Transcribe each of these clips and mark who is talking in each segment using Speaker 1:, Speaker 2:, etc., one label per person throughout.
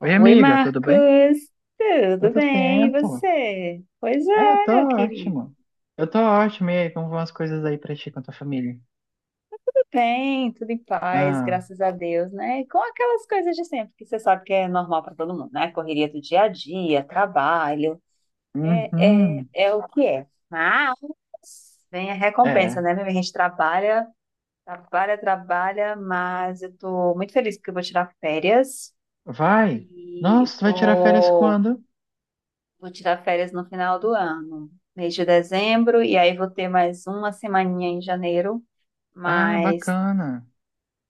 Speaker 1: Oi,
Speaker 2: Oi,
Speaker 1: amiga, tudo bem?
Speaker 2: Marcos. Tudo
Speaker 1: Quanto
Speaker 2: bem, e
Speaker 1: tempo?
Speaker 2: você? Pois
Speaker 1: Ah, eu
Speaker 2: é,
Speaker 1: tô
Speaker 2: meu querido.
Speaker 1: ótimo. Eu tô ótimo. E aí, como vão as coisas aí pra ti com a tua família?
Speaker 2: Tudo bem, tudo em paz,
Speaker 1: Ah,
Speaker 2: graças a Deus, né? E com aquelas coisas de sempre, que você sabe que é normal para todo mundo, né? Correria do dia a dia, trabalho, é, é,
Speaker 1: uhum.
Speaker 2: é o que é. Mas vem a recompensa,
Speaker 1: É,
Speaker 2: né, meu? A gente trabalha, trabalha, trabalha, mas eu tô muito feliz porque eu vou tirar férias
Speaker 1: vai.
Speaker 2: e
Speaker 1: Nossa, tu vai tirar férias
Speaker 2: vou.
Speaker 1: quando?
Speaker 2: Vou tirar férias no final do ano, mês de dezembro, e aí vou ter mais uma semaninha em janeiro,
Speaker 1: Ah,
Speaker 2: mas
Speaker 1: bacana.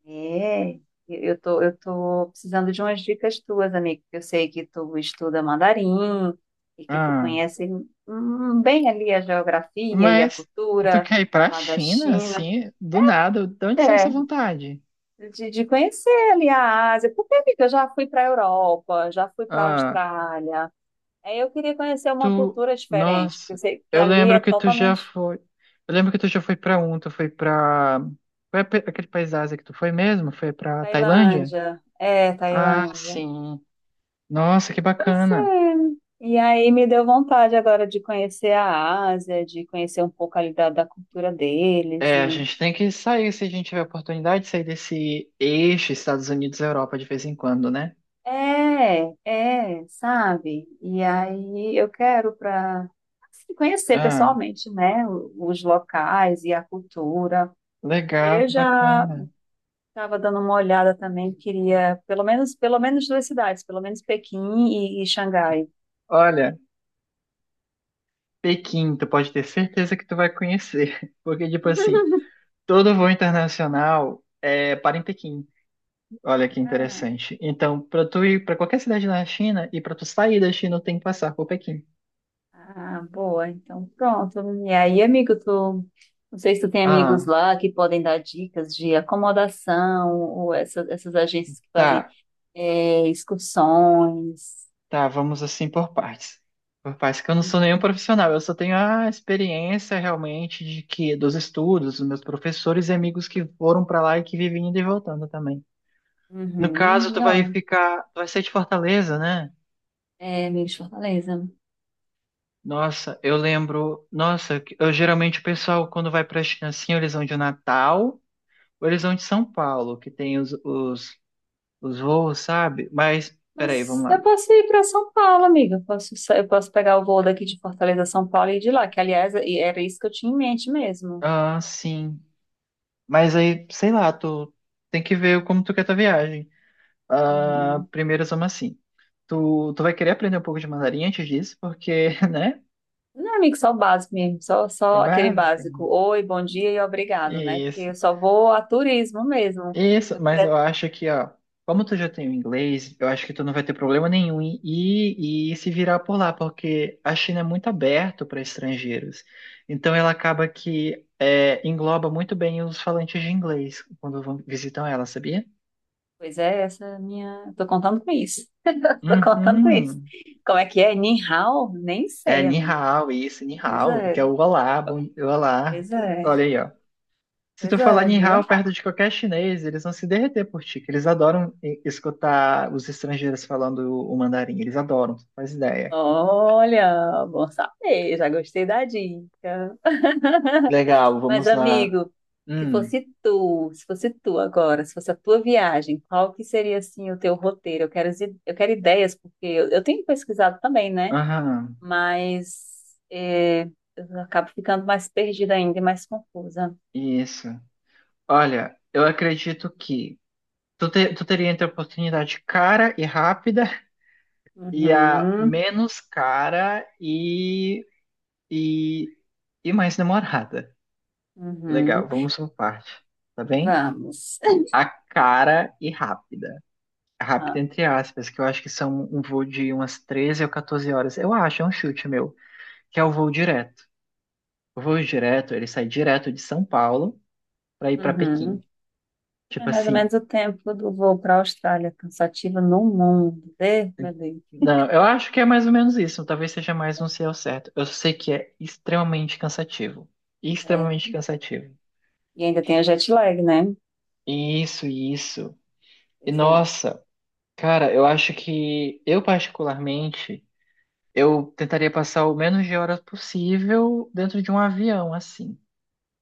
Speaker 2: é, eu tô precisando de umas dicas tuas, amigo, porque eu sei que tu estuda mandarim e que tu
Speaker 1: Ah,
Speaker 2: conhece bem ali a geografia e a
Speaker 1: mas tu
Speaker 2: cultura
Speaker 1: quer ir pra
Speaker 2: lá da
Speaker 1: China,
Speaker 2: China.
Speaker 1: assim, do nada? De onde saiu essa
Speaker 2: É,
Speaker 1: vontade?
Speaker 2: de conhecer ali a Ásia, porque, amiga, eu já fui para a Europa, já fui para a
Speaker 1: Ah,
Speaker 2: Austrália. É, eu queria conhecer uma
Speaker 1: Tu,
Speaker 2: cultura diferente, porque eu
Speaker 1: nossa,
Speaker 2: sei que
Speaker 1: eu
Speaker 2: ali
Speaker 1: lembro
Speaker 2: é
Speaker 1: que tu já
Speaker 2: totalmente
Speaker 1: foi. Eu lembro que tu já foi pra um, tu foi pra. Foi aquele país da Ásia que tu foi mesmo? Foi pra Tailândia?
Speaker 2: Tailândia. É,
Speaker 1: Ah,
Speaker 2: Tailândia.
Speaker 1: sim. Nossa, que
Speaker 2: Pois
Speaker 1: bacana.
Speaker 2: é. E aí me deu vontade agora de conhecer a Ásia, de conhecer um pouco ali da cultura deles
Speaker 1: É, a
Speaker 2: e
Speaker 1: gente tem que sair se a gente tiver oportunidade de sair desse eixo Estados Unidos-Europa de vez em quando, né?
Speaker 2: é, é, sabe? E aí eu quero para conhecer
Speaker 1: Ah,
Speaker 2: pessoalmente, né, os locais e a cultura. E aí
Speaker 1: legal,
Speaker 2: eu
Speaker 1: que
Speaker 2: já
Speaker 1: bacana.
Speaker 2: estava dando uma olhada também, queria pelo menos duas cidades, pelo menos Pequim e Xangai.
Speaker 1: Olha, Pequim, tu pode ter certeza que tu vai conhecer, porque, tipo assim, todo voo internacional é para em Pequim. Olha que
Speaker 2: Ah,
Speaker 1: interessante. Então, para tu ir para qualquer cidade na China e para tu sair da China, tem que passar por Pequim.
Speaker 2: ah, boa, então pronto. E aí, amigo, tu, não sei se tu tem amigos
Speaker 1: Ah,
Speaker 2: lá que podem dar dicas de acomodação ou essas agências que fazem
Speaker 1: tá,
Speaker 2: é, excursões.
Speaker 1: tá, vamos assim por partes. Por partes que eu não sou nenhum profissional, eu só tenho a experiência realmente de que dos estudos, dos meus professores e amigos que foram para lá e que vivem indo e voltando também. No
Speaker 2: Uhum,
Speaker 1: caso,
Speaker 2: uhum.
Speaker 1: tu vai
Speaker 2: Ó,
Speaker 1: ficar, tu vai ser de Fortaleza, né?
Speaker 2: é, amigo de Fortaleza.
Speaker 1: Nossa, eu lembro, nossa, eu geralmente o pessoal quando vai para a China assim, ou eles vão de Natal, ou eles vão de São Paulo, que tem os voos, sabe? Mas, peraí, vamos
Speaker 2: Mas
Speaker 1: lá.
Speaker 2: eu posso ir para São Paulo, amiga. Eu posso, eu posso pegar o voo daqui de Fortaleza São Paulo e ir de lá, que aliás e era isso que eu tinha em mente mesmo.
Speaker 1: Ah, sim. Mas aí, sei lá, tu tem que ver como tu quer tua viagem. Ah,
Speaker 2: Uhum.
Speaker 1: primeiro, vamos assim. Tu vai querer aprender um pouco de mandarim antes disso, porque, né?
Speaker 2: Não, amigo, só o básico mesmo,
Speaker 1: É
Speaker 2: só aquele
Speaker 1: básica.
Speaker 2: básico. Oi, bom dia e obrigado, né? Porque
Speaker 1: isso
Speaker 2: eu só vou a turismo mesmo.
Speaker 1: Isso,
Speaker 2: Eu
Speaker 1: mas eu
Speaker 2: pre-
Speaker 1: acho que, ó, como tu já tem o inglês, eu acho que tu não vai ter problema nenhum em ir e se virar por lá, porque a China é muito aberta para estrangeiros. Então ela acaba que é, engloba muito bem os falantes de inglês quando vão, visitam ela, sabia?
Speaker 2: Pois é, essa é a minha. Eu tô contando com isso. Tô contando com isso.
Speaker 1: Uhum.
Speaker 2: Como é que é? Ni hao? Nem
Speaker 1: É
Speaker 2: sei,
Speaker 1: ni
Speaker 2: amiga.
Speaker 1: hao, isso, ni
Speaker 2: Pois
Speaker 1: hao,
Speaker 2: é,
Speaker 1: que é o olá, bom, olá.
Speaker 2: pois é,
Speaker 1: Olha aí, ó. Se tu
Speaker 2: Pois
Speaker 1: falar
Speaker 2: é,
Speaker 1: Ni
Speaker 2: viu?
Speaker 1: Hao perto de qualquer chinês, eles vão se derreter por ti, que eles adoram escutar os estrangeiros falando o mandarim. Eles adoram, tu faz ideia.
Speaker 2: Olha, bom saber, já gostei da dica.
Speaker 1: Legal,
Speaker 2: Mas,
Speaker 1: vamos lá.
Speaker 2: amigo,
Speaker 1: Hum,
Speaker 2: se fosse tu agora, se fosse a tua viagem, qual que seria, assim, o teu roteiro? Eu quero, eu quero ideias, porque eu tenho pesquisado também, né?
Speaker 1: aham,
Speaker 2: Mas é, eu acabo ficando mais perdida ainda e mais confusa.
Speaker 1: isso. Olha, eu acredito que tu teria entre a oportunidade cara e rápida e a
Speaker 2: Uhum,
Speaker 1: menos cara e, e mais demorada. Legal,
Speaker 2: uhum.
Speaker 1: vamos por parte, tá bem?
Speaker 2: Vamos.
Speaker 1: A cara e rápida. Rápido,
Speaker 2: Ah,
Speaker 1: entre aspas, que eu acho que são um voo de umas 13 ou 14 horas. Eu acho, é um chute meu, que é o voo direto. O voo direto, ele sai direto de São Paulo para ir para Pequim.
Speaker 2: uhum. É
Speaker 1: Tipo
Speaker 2: mais ou
Speaker 1: assim,
Speaker 2: menos o tempo do voo para a Austrália, cansativo no mundo. Meu Deus.
Speaker 1: não, eu acho que é mais ou menos isso, talvez seja mais um sei ao certo. Eu sei que é extremamente cansativo.
Speaker 2: É,
Speaker 1: Extremamente cansativo.
Speaker 2: e ainda tem a jet lag, né?
Speaker 1: Isso, isso. E
Speaker 2: Pois é.
Speaker 1: nossa, cara, eu acho que eu particularmente, eu tentaria passar o menos de horas possível dentro de um avião, assim.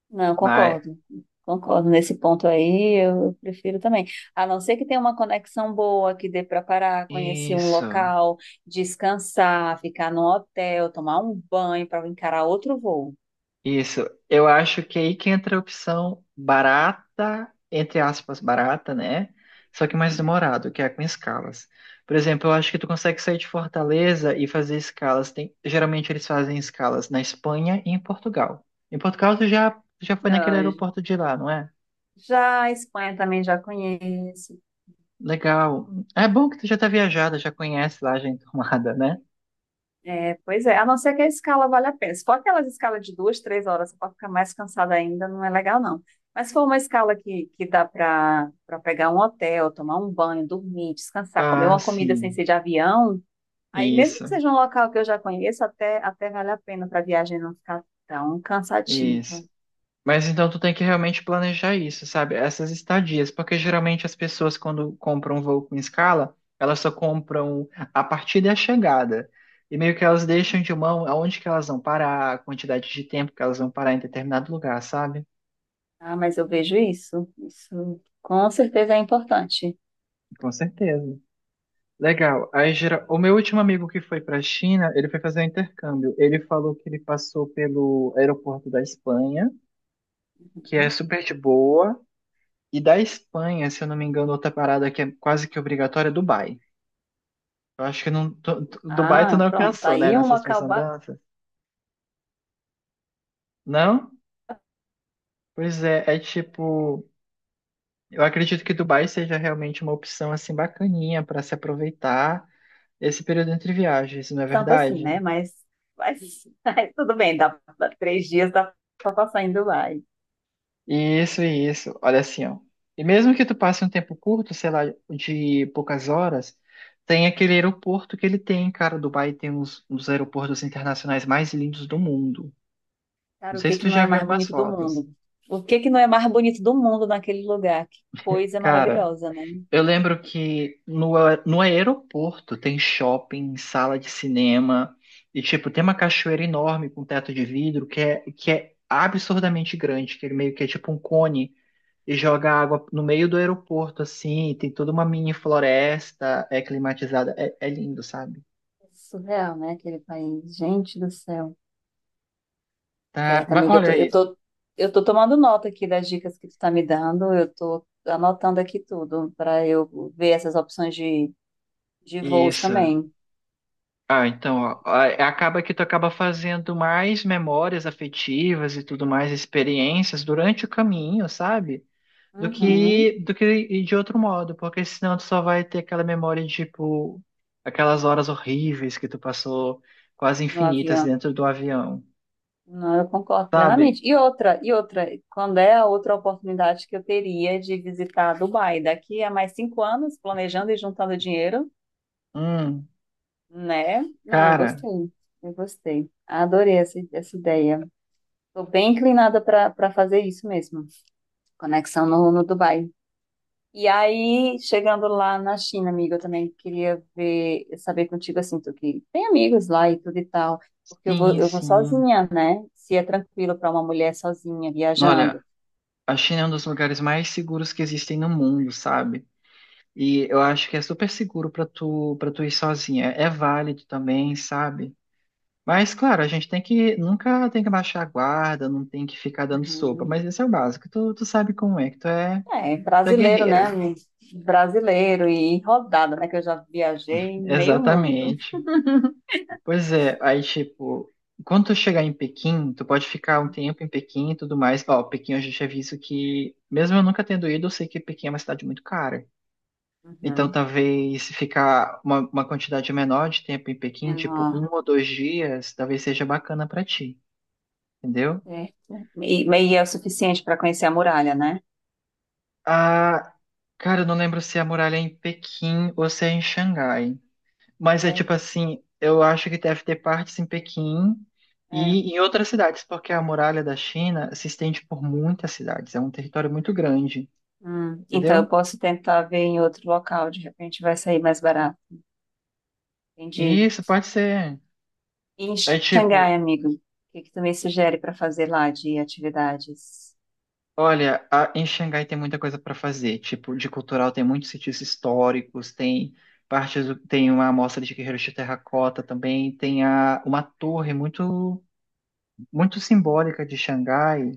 Speaker 2: Não, concordo. Concordo nesse ponto aí, eu prefiro também. A não ser que tenha uma conexão boa, que dê para parar, conhecer um
Speaker 1: Isso,
Speaker 2: local, descansar, ficar num hotel, tomar um banho para encarar outro voo.
Speaker 1: isso. Eu acho que é aí que entra a opção barata, entre aspas, barata, né? Só que mais demorado, que é com escalas. Por exemplo, eu acho que tu consegue sair de Fortaleza e fazer escalas. Tem, geralmente eles fazem escalas na Espanha e em Portugal. Em Portugal tu já foi naquele
Speaker 2: Ah,
Speaker 1: aeroporto de lá, não é?
Speaker 2: já a Espanha também já conheço.
Speaker 1: Legal. É bom que tu já tá viajada, já conhece lá, já é enturmada, né?
Speaker 2: É, pois é, a não ser que a escala vale a pena. Se for aquelas escalas de duas, três horas, você pode ficar mais cansada ainda, não é legal, não. Mas se for uma escala que dá para pegar um hotel, tomar um banho, dormir, descansar, comer
Speaker 1: Ah,
Speaker 2: uma comida sem
Speaker 1: sim.
Speaker 2: ser de avião, aí mesmo que
Speaker 1: Isso,
Speaker 2: seja um local que eu já conheço, até vale a pena para a viagem não ficar tão cansativa.
Speaker 1: isso. Mas então tu tem que realmente planejar isso, sabe? Essas estadias, porque geralmente as pessoas quando compram um voo com escala, elas só compram a partida e a chegada. E meio que elas
Speaker 2: Uhum.
Speaker 1: deixam de mão aonde que elas vão parar, a quantidade de tempo que elas vão parar em determinado lugar, sabe?
Speaker 2: Ah, mas eu vejo isso. Isso com certeza é importante.
Speaker 1: Com certeza. Legal. Aí gera... O meu último amigo que foi para a China, ele foi fazer um intercâmbio. Ele falou que ele passou pelo aeroporto da Espanha, que é
Speaker 2: Uhum.
Speaker 1: super de boa. E da Espanha, se eu não me engano, outra parada que é quase que obrigatória é Dubai. Eu acho que não, Dubai tu
Speaker 2: Ah,
Speaker 1: não
Speaker 2: pronto, tá
Speaker 1: alcançou, né,
Speaker 2: aí um
Speaker 1: nessas tuas
Speaker 2: local
Speaker 1: andanças? Não? Pois é, é tipo, eu acredito que Dubai seja realmente uma opção assim bacaninha para se aproveitar esse período entre viagens, não é
Speaker 2: tanto assim,
Speaker 1: verdade?
Speaker 2: né? Mas, mas tudo bem, dá, dá três dias, dá pra passar indo lá. E,
Speaker 1: Isso, isso. Olha assim, ó. E mesmo que tu passe um tempo curto, sei lá, de poucas horas, tem aquele aeroporto que ele tem, cara. Dubai tem uns aeroportos internacionais mais lindos do mundo. Não
Speaker 2: cara, o
Speaker 1: sei
Speaker 2: que
Speaker 1: se
Speaker 2: que
Speaker 1: tu
Speaker 2: não
Speaker 1: já
Speaker 2: é
Speaker 1: viu
Speaker 2: mais
Speaker 1: algumas
Speaker 2: bonito do
Speaker 1: fotos.
Speaker 2: mundo? O que que não é mais bonito do mundo naquele lugar? Que coisa
Speaker 1: Cara,
Speaker 2: maravilhosa, né?
Speaker 1: eu lembro que no aeroporto tem shopping, sala de cinema, e tipo, tem uma cachoeira enorme com teto de vidro que é absurdamente grande, que ele meio que é tipo um cone e joga água no meio do aeroporto, assim, e tem toda uma mini floresta, é climatizada, é, é lindo, sabe?
Speaker 2: Surreal, né? Aquele país. Gente do céu.
Speaker 1: Tá,
Speaker 2: Certo,
Speaker 1: mas
Speaker 2: amiga,
Speaker 1: olha aí,
Speaker 2: eu tô tomando nota aqui das dicas que tu tá me dando, eu tô anotando aqui tudo para eu ver essas opções de voos
Speaker 1: isso.
Speaker 2: também.
Speaker 1: Ah, então, ó, acaba que tu acaba fazendo mais memórias afetivas e tudo mais, experiências durante o caminho, sabe, do
Speaker 2: Uhum,
Speaker 1: que do que ir de outro modo, porque senão tu só vai ter aquela memória de tipo aquelas horas horríveis que tu passou quase
Speaker 2: no
Speaker 1: infinitas
Speaker 2: avião.
Speaker 1: dentro do avião,
Speaker 2: Não, eu concordo
Speaker 1: sabe?
Speaker 2: plenamente. E outra, quando é a outra oportunidade que eu teria de visitar Dubai? Daqui a mais 5 anos, planejando e juntando dinheiro,
Speaker 1: Hum,
Speaker 2: né? Não, eu
Speaker 1: cara,
Speaker 2: gostei, eu gostei. Adorei essa ideia. Estou bem inclinada para fazer isso mesmo. Conexão no Dubai. E aí, chegando lá na China, amiga, eu também queria ver, saber contigo assim, tu que tem amigos lá e tudo e tal, porque
Speaker 1: sim,
Speaker 2: eu vou
Speaker 1: sim.
Speaker 2: sozinha, né? Se é tranquilo para uma mulher sozinha
Speaker 1: Olha,
Speaker 2: viajando.
Speaker 1: a China é um dos lugares mais seguros que existem no mundo, sabe? E eu acho que é super seguro pra tu para tu ir sozinha. É válido também, sabe? Mas claro, a gente tem que nunca tem que baixar a guarda, não tem que ficar dando sopa,
Speaker 2: Uhum.
Speaker 1: mas esse é o básico. Tu, tu sabe como é, que tu é.
Speaker 2: É,
Speaker 1: Tu é
Speaker 2: brasileiro, né?
Speaker 1: guerreira.
Speaker 2: Um brasileiro e rodada, né? Que eu já viajei em meio mundo.
Speaker 1: Exatamente. Pois é, aí tipo, quando tu chegar em Pequim, tu pode ficar um tempo em Pequim e tudo mais. Ó, Pequim eu já tinha visto que, mesmo eu nunca tendo ido, eu sei que Pequim é uma cidade muito cara. Então
Speaker 2: Uhum.
Speaker 1: talvez se ficar uma quantidade menor de tempo em Pequim, tipo um
Speaker 2: Menor,
Speaker 1: ou dois dias, talvez seja bacana pra ti, entendeu?
Speaker 2: certo. E é o suficiente para conhecer a muralha, né?
Speaker 1: Ah, cara, eu não lembro se a muralha é em Pequim ou se é em Xangai. Mas é
Speaker 2: É,
Speaker 1: tipo assim, eu acho que deve ter partes em Pequim
Speaker 2: é.
Speaker 1: e em outras cidades, porque a muralha da China se estende por muitas cidades, é um território muito grande,
Speaker 2: Hum. Então eu
Speaker 1: entendeu?
Speaker 2: posso tentar ver em outro local, de repente vai sair mais barato.
Speaker 1: E
Speaker 2: Entendi.
Speaker 1: isso pode ser.
Speaker 2: E em
Speaker 1: É tipo,
Speaker 2: Xangai, amigo, o que que tu me sugere para fazer lá de atividades?
Speaker 1: olha, em Xangai tem muita coisa para fazer, tipo, de cultural tem muitos sítios históricos, tem partes, tem uma amostra de guerreiros de terracota também, tem uma torre muito muito simbólica de Xangai,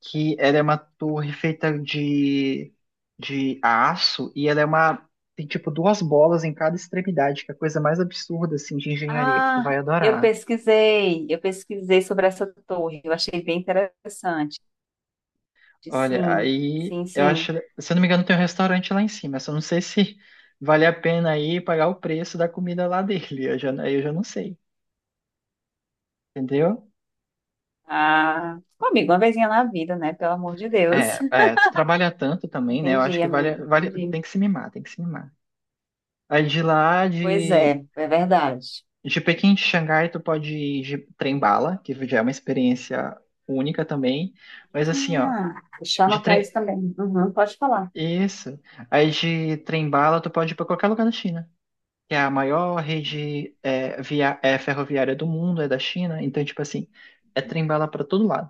Speaker 1: que ela é uma torre feita de aço e ela é uma. Tem tipo duas bolas em cada extremidade, que é a coisa mais absurda assim de engenharia que tu
Speaker 2: Ah,
Speaker 1: vai adorar.
Speaker 2: eu pesquisei sobre essa torre, eu achei bem interessante.
Speaker 1: Olha,
Speaker 2: Sim,
Speaker 1: aí
Speaker 2: sim,
Speaker 1: eu
Speaker 2: sim.
Speaker 1: acho, se eu não me engano, tem um restaurante lá em cima, só não sei se vale a pena aí pagar o preço da comida lá dele. Eu já, aí eu já não sei, entendeu?
Speaker 2: Ah, pô, amigo, uma vezinha na vida, né? Pelo amor de Deus.
Speaker 1: É, é, tu trabalha tanto também, né? Eu acho
Speaker 2: Entendi,
Speaker 1: que vale,
Speaker 2: amigo,
Speaker 1: vale,
Speaker 2: entendi.
Speaker 1: tem que se mimar, tem que se mimar. Aí de lá,
Speaker 2: Pois
Speaker 1: de.
Speaker 2: é, é verdade.
Speaker 1: De Pequim de Xangai, tu pode ir de trem-bala, que já é uma experiência única também. Mas assim, ó,
Speaker 2: Ah, deixa eu
Speaker 1: de
Speaker 2: anotar
Speaker 1: trem.
Speaker 2: isso também. Uhum, pode falar.
Speaker 1: Isso. Aí de trem-bala, tu pode ir pra qualquer lugar da China, que é a maior rede ferroviária do mundo, é da China. Então, tipo assim, é trem-bala pra todo lado.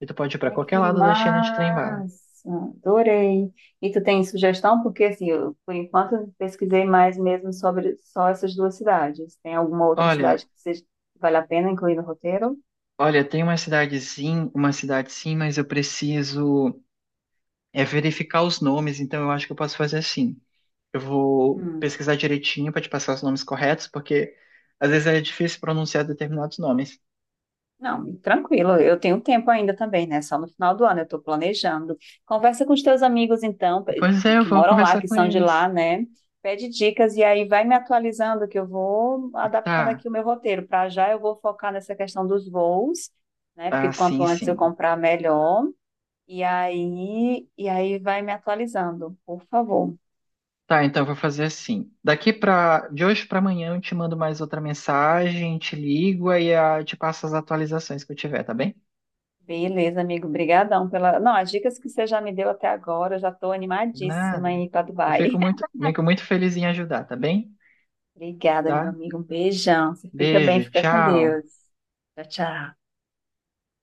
Speaker 1: E tu pode ir pra
Speaker 2: Ai,
Speaker 1: qualquer
Speaker 2: que
Speaker 1: lado da China de trem-bala.
Speaker 2: massa! Adorei. E tu tem sugestão? Porque, assim, eu, por enquanto, eu pesquisei mais mesmo sobre só essas duas cidades. Tem alguma outra
Speaker 1: Olha,
Speaker 2: cidade que seja, que vale a pena incluir no roteiro?
Speaker 1: olha, tem uma cidadezinha, uma cidade sim, mas eu preciso é verificar os nomes, então eu acho que eu posso fazer assim. Eu vou pesquisar direitinho para te passar os nomes corretos, porque às vezes é difícil pronunciar determinados nomes.
Speaker 2: Não, tranquilo, eu tenho tempo ainda também, né? Só no final do ano eu estou planejando. Conversa com os teus amigos, então,
Speaker 1: Pois é, eu
Speaker 2: que
Speaker 1: vou
Speaker 2: moram lá,
Speaker 1: conversar
Speaker 2: que
Speaker 1: com
Speaker 2: são de
Speaker 1: eles.
Speaker 2: lá, né? Pede dicas e aí vai me atualizando, que eu vou adaptando
Speaker 1: Tá.
Speaker 2: aqui o meu roteiro. Para já eu vou focar nessa questão dos voos, né? Porque
Speaker 1: Ah,
Speaker 2: quanto
Speaker 1: sim,
Speaker 2: antes eu
Speaker 1: sim.
Speaker 2: comprar, melhor. E aí vai me atualizando, por favor.
Speaker 1: Tá, então eu vou fazer assim. Daqui para de hoje para amanhã eu te mando mais outra mensagem, te ligo aí te passo as atualizações que eu tiver, tá bem?
Speaker 2: Beleza, amigo, brigadão pela... Não, as dicas que você já me deu até agora, eu já estou animadíssima
Speaker 1: Nada.
Speaker 2: em ir para
Speaker 1: Eu
Speaker 2: Dubai.
Speaker 1: fico muito feliz em ajudar, tá bem?
Speaker 2: Obrigada, meu
Speaker 1: Tá?
Speaker 2: amigo. Um beijão. Você fica bem,
Speaker 1: Beijo,
Speaker 2: fica com
Speaker 1: tchau.
Speaker 2: Deus. Tchau, tchau.